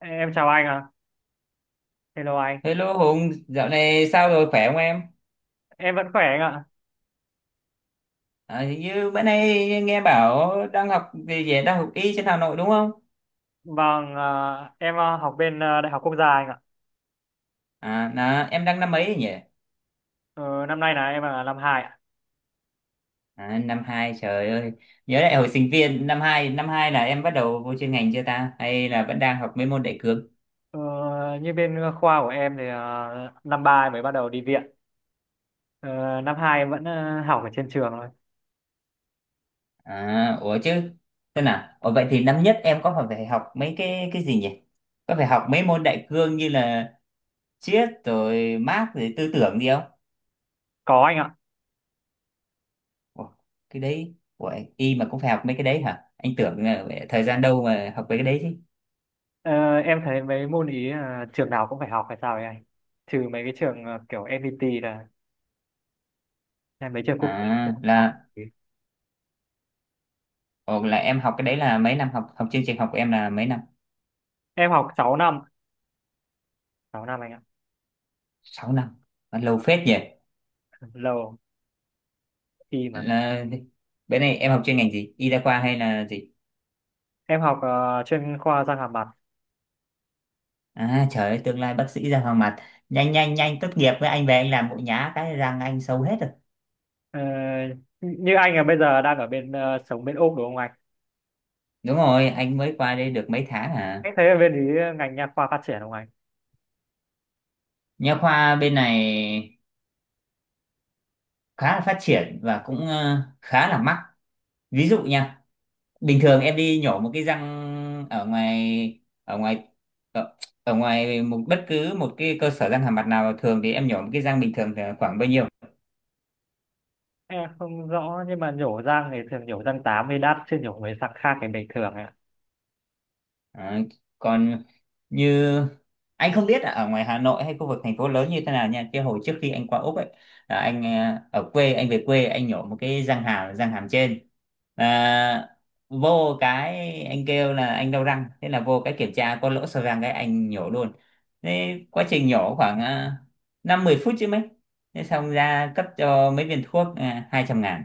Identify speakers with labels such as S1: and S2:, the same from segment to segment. S1: Em chào anh ạ. Hello anh.
S2: Hello Hùng, dạo này sao rồi khỏe không em?
S1: Em vẫn khỏe anh ạ.
S2: Hình như bữa nay nghe bảo đang học về về đang học y trên Hà Nội đúng không?
S1: Vâng, em học bên Đại học Quốc gia anh ạ.
S2: Là em đang năm mấy nhỉ?
S1: Ờ, Năm nay em năm hai ạ.
S2: Năm hai trời ơi, nhớ lại hồi sinh viên năm hai, là em bắt đầu vô chuyên ngành chưa ta? Hay là vẫn đang học mấy môn đại cương?
S1: Ờ, như bên khoa của em thì năm 3 em mới bắt đầu đi viện. Ờ, năm 2 em vẫn học ở trên trường thôi.
S2: À, ủa chứ, Thế nào? Ủa vậy thì năm nhất em có phải phải học mấy cái gì nhỉ? Có phải học mấy môn đại cương như là triết rồi Mác rồi tư tưởng gì?
S1: Có anh ạ.
S2: Ủa, cái đấy. Ủa, y mà cũng phải học mấy cái đấy hả? Anh tưởng là thời gian đâu mà học mấy cái đấy chứ.
S1: Ờ, em thấy mấy môn ý trường nào cũng phải học hay sao ấy anh? Trừ mấy cái trường kiểu FPT là mấy trường quốc tế
S2: à
S1: cũng phải học.
S2: là là em học cái đấy là mấy năm, học học chương trình học của em là mấy năm?
S1: Em học 6 năm. Sáu năm anh ạ.
S2: 6 năm, lâu phết nhỉ.
S1: Lâu, khi mà.
S2: là Bên này em học chuyên ngành gì, y đa khoa hay là gì?
S1: Em học chuyên khoa răng hàm mặt.
S2: Trời ơi, tương lai bác sĩ ra hoàng mặt, nhanh nhanh nhanh tốt nghiệp với anh, về anh làm mũi nhá, cái răng anh sâu hết rồi.
S1: Ờ, như anh là bây giờ đang ở bên sống bên Úc đúng không anh?
S2: Đúng rồi, anh mới qua đây được mấy tháng à.
S1: Anh thấy ở bên ý ngành nha khoa phát triển không anh?
S2: Nha khoa bên này khá là phát triển và cũng khá là mắc. Ví dụ nha, bình thường em đi nhổ một cái răng ở ngoài, ở, ở ngoài một, bất cứ một cái cơ sở răng hàm mặt nào, thường thì em nhổ một cái răng bình thường thì khoảng bao nhiêu?
S1: Em không rõ nhưng mà nhổ răng thì thường nhổ răng 8 thì đắt chứ nhổ mấy răng khác thì bình thường ạ.
S2: À, Còn như anh không biết là ở ngoài Hà Nội hay khu vực thành phố lớn như thế nào nha. Cái hồi trước khi anh qua Úc ấy, là anh ở quê, anh về quê anh nhổ một cái răng hàm, trên. À, Vô cái anh kêu là anh đau răng, thế là vô cái kiểm tra có lỗ sâu răng, cái anh nhổ luôn. Thế quá trình nhổ khoảng 5-10 phút chứ mấy. Thế xong ra cấp cho mấy viên thuốc, 200.000.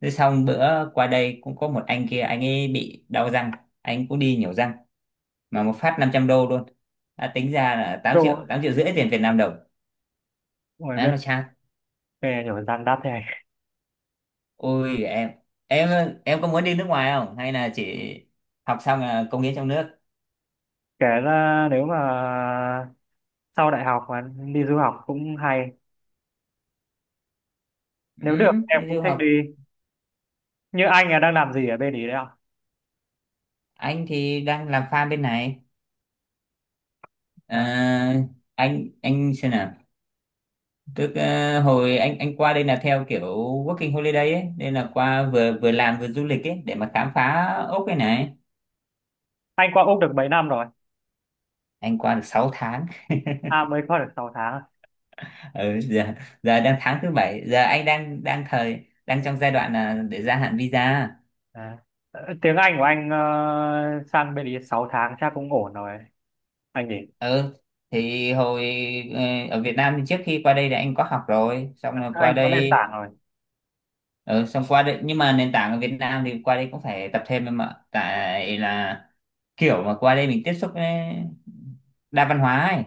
S2: Thế xong bữa qua đây cũng có một anh kia, anh ấy bị đau răng, anh cũng đi nhổ răng mà một phát 500 đô luôn, đã tính ra là tám
S1: Đúng
S2: triệu
S1: rồi.
S2: 8,5 triệu tiền Việt Nam đồng.
S1: Ngoài
S2: Má
S1: bên
S2: nó chát.
S1: nghề nhổ răng đắt thế anh.
S2: Ôi em, em em có muốn đi nước ngoài không hay là chỉ học xong là cống hiến trong nước?
S1: Kể ra nếu mà sau đại học mà đi du học cũng hay.
S2: Ừ,
S1: Nếu được em
S2: đi
S1: cũng
S2: du
S1: thích đi.
S2: học.
S1: Như anh là đang làm gì ở bên ý đấy ạ?
S2: Anh thì đang làm farm bên này. Ờ,
S1: À,
S2: anh xem nào, tức hồi anh qua đây là theo kiểu working holiday ấy, nên là qua vừa vừa làm vừa du lịch ấy để mà khám phá ốc cái này.
S1: anh qua Úc được mấy năm rồi?
S2: Anh qua được 6 tháng.
S1: À mới qua được 6 tháng.
S2: Ừ, giờ, đang tháng thứ bảy, giờ anh đang đang thời đang trong giai đoạn là để gia hạn visa.
S1: À, tiếng Anh của anh sang bên ý 6 tháng chắc cũng ổn rồi anh nhỉ.
S2: Ừ, thì ờ, ở Việt Nam thì trước khi qua đây thì anh có học rồi, xong
S1: À,
S2: rồi qua
S1: anh có nền
S2: đây.
S1: tảng rồi.
S2: Ừ, xong qua đây nhưng mà nền tảng ở Việt Nam thì qua đây cũng phải tập thêm em ạ, tại là kiểu mà qua đây mình tiếp xúc với đa văn hóa ấy,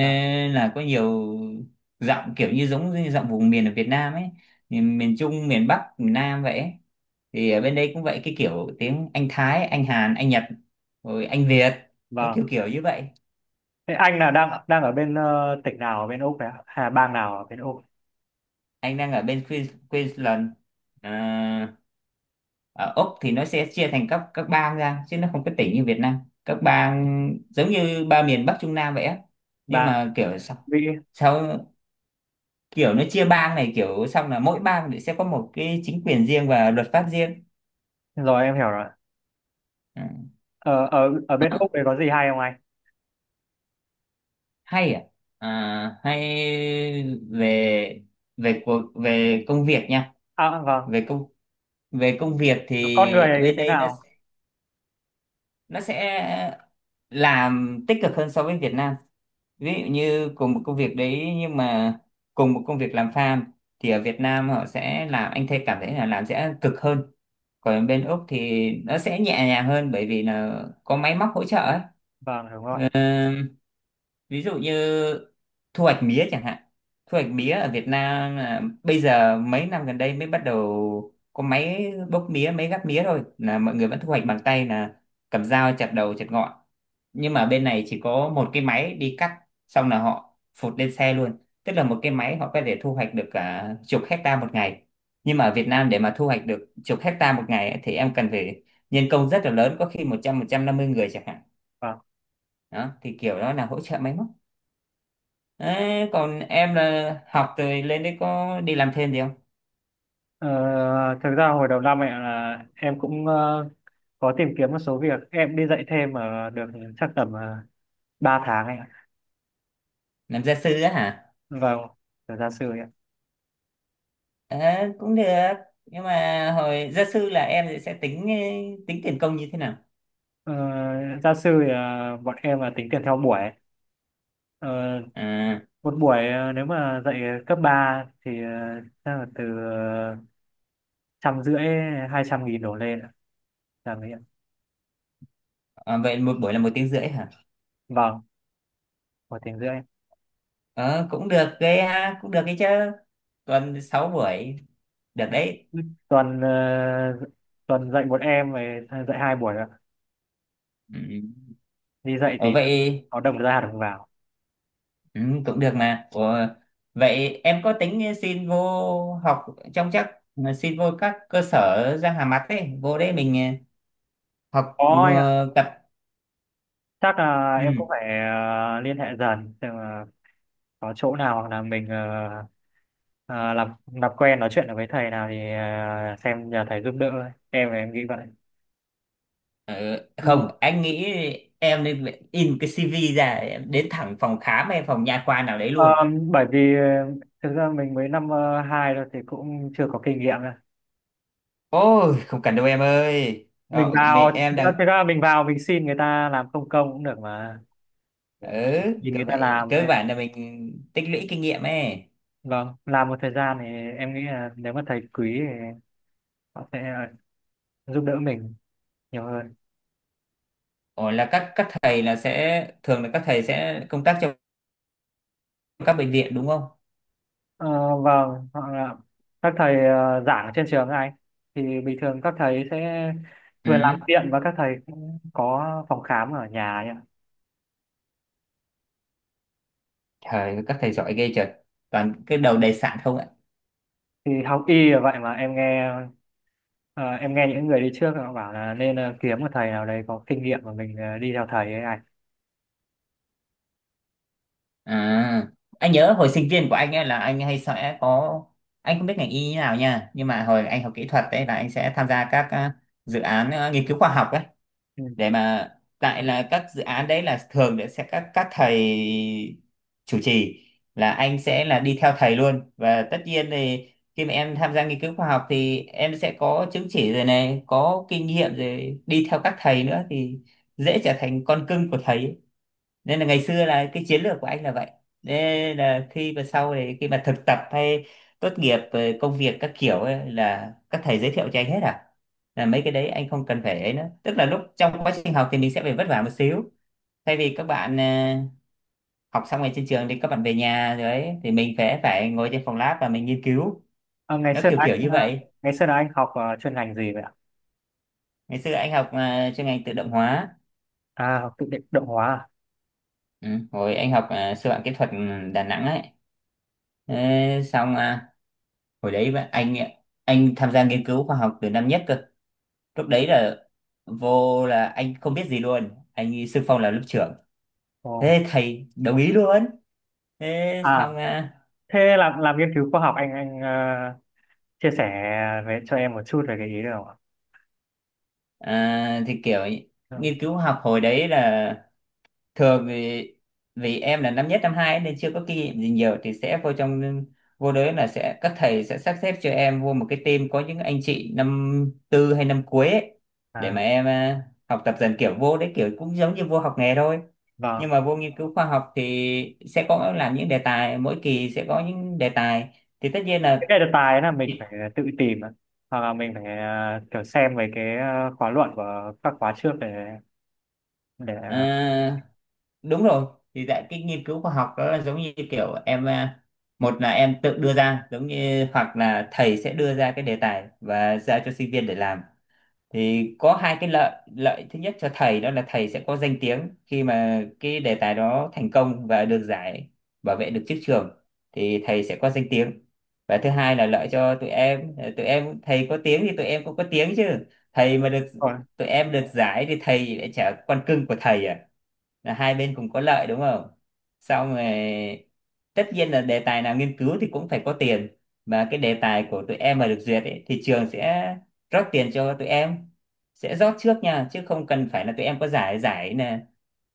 S1: À,
S2: là có nhiều giọng, kiểu như giống như giọng vùng miền ở Việt Nam ấy, miền Trung, miền Bắc, miền Nam vậy ấy. Thì ở bên đây cũng vậy, cái kiểu tiếng Anh Thái, Anh Hàn, Anh Nhật rồi Anh Việt, nó
S1: vâng,
S2: kiểu kiểu như vậy.
S1: thế anh là đang đang ở bên tỉnh nào ở bên Úc đấy ạ? Hay là bang nào ở bên Úc?
S2: Anh đang ở bên Queensland. à, Ở Úc thì nó sẽ chia thành các bang ra chứ nó không có tỉnh như Việt Nam. Các bang giống như ba miền Bắc Trung Nam vậy á. Nhưng
S1: Bang
S2: mà kiểu sao
S1: Mỹ,
S2: sao kiểu nó chia bang này, kiểu xong là mỗi bang thì sẽ có một cái chính quyền riêng và luật pháp riêng.
S1: rồi em hiểu rồi.
S2: Ừ.
S1: Ở ở ở bên
S2: À,
S1: Úc đấy có gì hay không anh?
S2: hay à? Hay về, về cuộc về công việc nha.
S1: À vâng,
S2: về công Về công việc
S1: con người
S2: thì
S1: ấy
S2: bên
S1: thế
S2: đây
S1: nào?
S2: nó sẽ làm tích cực hơn so với Việt Nam. Ví dụ như cùng một công việc đấy, nhưng mà cùng một công việc làm farm thì ở Việt Nam họ sẽ làm, anh thấy cảm thấy là làm sẽ cực hơn, còn bên Úc thì nó sẽ nhẹ nhàng hơn bởi vì là có máy móc hỗ trợ ấy.
S1: Vâng đúng rồi.
S2: Ờ, Ví dụ như thu hoạch mía chẳng hạn. Thu hoạch mía ở Việt Nam là bây giờ mấy năm gần đây mới bắt đầu có máy bốc mía, máy gắp mía thôi, là mọi người vẫn thu hoạch bằng tay, là cầm dao chặt đầu chặt ngọn. Nhưng mà bên này chỉ có một cái máy đi cắt, xong là họ phụt lên xe luôn. Tức là một cái máy họ có thể thu hoạch được cả chục hecta một ngày. Nhưng mà ở Việt Nam để mà thu hoạch được chục hecta một ngày ấy, thì em cần phải nhân công rất là lớn, có khi một 100, 150 người chẳng hạn.
S1: Vâng.
S2: Đó thì kiểu đó là hỗ trợ máy móc. Đấy, còn em là học rồi lên đấy có đi làm thêm gì không?
S1: Ờ, thực ra hồi đầu năm ấy là em cũng có tìm kiếm một số việc, em đi dạy thêm ở được chắc tầm ba tháng anh ạ.
S2: Làm gia sư á hả?
S1: Vâng, giờ ra sư.
S2: Ờ, Cũng được. Nhưng mà hồi gia sư là em sẽ tính tính tiền công như thế nào?
S1: Ờ, gia sư thì bọn em là tính tiền theo buổi. Ờ,
S2: À,
S1: một buổi nếu mà dạy cấp 3 thì chắc là từ trăm rưỡi, hai trăm nghìn đổ lên ạ. Là mấy ạ?
S2: Vậy một buổi là 1 tiếng rưỡi hả?
S1: Vâng, một tiếng rưỡi.
S2: Ờ, Cũng được ghê ha, cũng được cái chứ. Còn 6 buổi, được đấy.
S1: Tuần tuần dạy một em về dạy hai buổi ạ.
S2: Ừ.
S1: Đi dạy
S2: Ủa
S1: thì
S2: vậy,
S1: có đồng ra đồng vào.
S2: ừ, cũng được mà. Ủa, vậy em có tính xin vô học trong chắc xin vô các cơ sở răng hàm mặt ấy, vô đấy mình học
S1: Có anh ạ,
S2: tập.
S1: chắc là
S2: Ừ.
S1: em cũng phải liên hệ dần xem là có chỗ nào, hoặc là mình làm quen nói chuyện được với thầy nào thì à, xem nhờ thầy giúp đỡ thôi. Em là em nghĩ vậy.
S2: Ờ,
S1: Ừ.
S2: Không, anh nghĩ em nên in cái CV ra, em đến thẳng phòng khám hay phòng nha khoa nào đấy
S1: Ờ,
S2: luôn.
S1: bởi vì thực ra mình mới năm hai thôi thì cũng chưa có kinh nghiệm đâu.
S2: Ôi, không cần đâu em ơi.
S1: Mình
S2: Ờ,
S1: vào
S2: Mẹ em
S1: thực ra,
S2: đang
S1: thực ra mình vào mình xin người ta làm không công cũng được mà,
S2: ừ,
S1: nhìn người ta
S2: vậy
S1: làm
S2: cơ
S1: ấy.
S2: bản là mình tích lũy kinh nghiệm ấy.
S1: Vâng, làm một thời gian thì em nghĩ là nếu mà thầy quý thì họ sẽ giúp đỡ mình nhiều hơn.
S2: Ồ, là các thầy là sẽ thường là các thầy sẽ công tác trong các bệnh viện đúng không?
S1: Ờ, vâng, hoặc là các thầy giảng ở trên trường này thì bình thường các thầy sẽ vừa làm
S2: Ừ.
S1: viện và các thầy cũng có phòng khám ở nhà ấy ạ.
S2: Trời ơi, các thầy giỏi ghê trời. Toàn cái đầu đầy sạn không.
S1: Thì học y là vậy mà, em nghe ờ, em nghe những người đi trước họ bảo là nên kiếm một thầy nào đấy có kinh nghiệm và mình đi theo thầy ấy anh.
S2: À, anh nhớ hồi sinh viên của anh ấy là anh hay sẽ có, anh không biết ngành y như nào nha, nhưng mà hồi anh học kỹ thuật đấy là anh sẽ tham gia các dự án, nghiên cứu khoa học ấy,
S1: Ừ.
S2: để mà tại là các dự án đấy là thường sẽ các thầy chủ trì, là anh sẽ là đi theo thầy luôn, và tất nhiên thì khi mà em tham gia nghiên cứu khoa học thì em sẽ có chứng chỉ rồi này, có kinh nghiệm rồi, đi theo các thầy nữa thì dễ trở thành con cưng của thầy. Nên là ngày xưa là cái chiến lược của anh là vậy. Nên là khi mà sau này khi mà thực tập hay tốt nghiệp rồi công việc các kiểu ấy, là các thầy giới thiệu cho anh hết à. Là mấy cái đấy anh không cần phải ấy nữa, tức là lúc trong quá trình học thì mình sẽ phải vất vả một xíu, thay vì các bạn học xong rồi trên trường thì các bạn về nhà rồi ấy, thì mình phải phải ngồi trên phòng lab và mình nghiên cứu,
S1: Ờ, ngày
S2: nó
S1: xưa
S2: kiểu
S1: là
S2: kiểu như
S1: anh ờ,
S2: vậy.
S1: Ngày xưa là anh học chuyên ngành gì vậy ạ?
S2: Ngày xưa anh học chuyên ngành tự động hóa.
S1: À, học tự định động hóa à?
S2: Ừ, hồi anh học sư phạm kỹ thuật Đà Nẵng ấy. Thế xong hồi đấy anh, tham gia nghiên cứu khoa học từ năm nhất cơ. Lúc đấy là vô là anh không biết gì luôn, anh đi xung phong làm lớp trưởng,
S1: Ồ.
S2: thế thầy đồng ý luôn. Thế
S1: À,
S2: xong
S1: thế làm nghiên cứu khoa học anh chia sẻ về cho em một chút về cái ý được không ạ?
S2: thì kiểu
S1: Ừ.
S2: nghiên cứu học hồi đấy là thường thì vì em là năm nhất năm hai nên chưa có kinh nghiệm gì nhiều thì sẽ vô trong, vô đấy là sẽ các thầy sẽ sắp xếp cho em vô một cái team có những anh chị năm tư hay năm cuối ấy, để
S1: À,
S2: mà em học tập dần, kiểu vô đấy kiểu cũng giống như vô học nghề thôi.
S1: vâng,
S2: Nhưng mà vô nghiên cứu khoa học thì sẽ có làm những đề tài, mỗi kỳ sẽ có những đề tài, thì tất nhiên
S1: cái
S2: là
S1: này là tài là mình phải tự tìm ạ. Hoặc là mình phải à, kiểu xem về cái à, khóa luận của các khóa trước để
S2: ờ,
S1: để.
S2: đúng rồi. Thì tại cái nghiên cứu khoa học đó là giống như kiểu em một là em tự đưa ra, giống như hoặc là thầy sẽ đưa ra cái đề tài và giao cho sinh viên để làm. Thì có hai cái lợi. Lợi thứ nhất cho thầy đó là thầy sẽ có danh tiếng khi mà cái đề tài đó thành công và được giải, bảo vệ được chức trường, thì thầy sẽ có danh tiếng. Và thứ hai là lợi cho tụi em, thầy có tiếng thì tụi em cũng có tiếng chứ. Thầy mà được,
S1: Ôi,
S2: tụi em được giải thì thầy lại chả con cưng của thầy à. Là hai bên cùng có lợi đúng không? Xong rồi, tất nhiên là đề tài nào nghiên cứu thì cũng phải có tiền, mà cái đề tài của tụi em mà được duyệt ấy, thì trường sẽ rót tiền cho tụi em, sẽ rót trước nha, chứ không cần phải là tụi em có giải. Giải là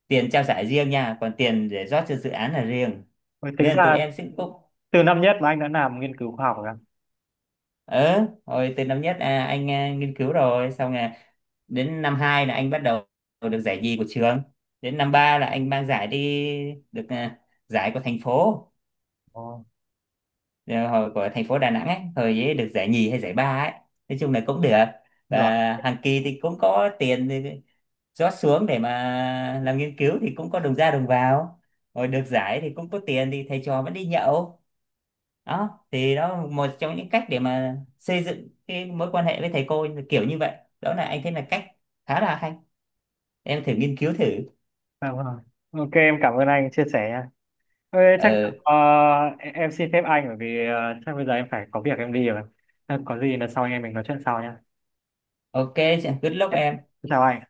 S2: tiền trao giải riêng nha, còn tiền để rót cho dự án là riêng,
S1: ôi, tính
S2: nên tụi
S1: ra
S2: em sẽ cũng
S1: từ năm nhất mà anh đã làm nghiên cứu khoa học rồi ạ.
S2: ờ hồi từ năm nhất, anh nghiên cứu, rồi xong là đến năm hai là anh bắt đầu được giải nhì của trường. Đến năm ba là anh mang giải đi, được giải của thành phố,
S1: Ồ,
S2: rồi hồi của thành phố Đà Nẵng ấy, hồi ấy được giải nhì hay giải ba ấy, nói chung là cũng được. Và
S1: giỏi.
S2: hàng kỳ thì cũng có tiền rót xuống để mà làm nghiên cứu, thì cũng có đồng ra đồng vào, rồi được giải thì cũng có tiền thì thầy trò vẫn đi nhậu. Đó thì đó là một trong những cách để mà xây dựng cái mối quan hệ với thầy cô kiểu như vậy. Đó là anh thấy là cách khá là hay, em thử nghiên cứu thử.
S1: Vâng, vâng. Ok, em cảm ơn anh chia sẻ nha. Ok, chắc
S2: ờ
S1: ờ, em xin phép anh bởi vì chắc bây giờ em phải có việc em đi rồi. Ờ, có gì là sau anh em mình nói chuyện sau nha.
S2: ok, good luck
S1: Em-
S2: em.
S1: Chào anh.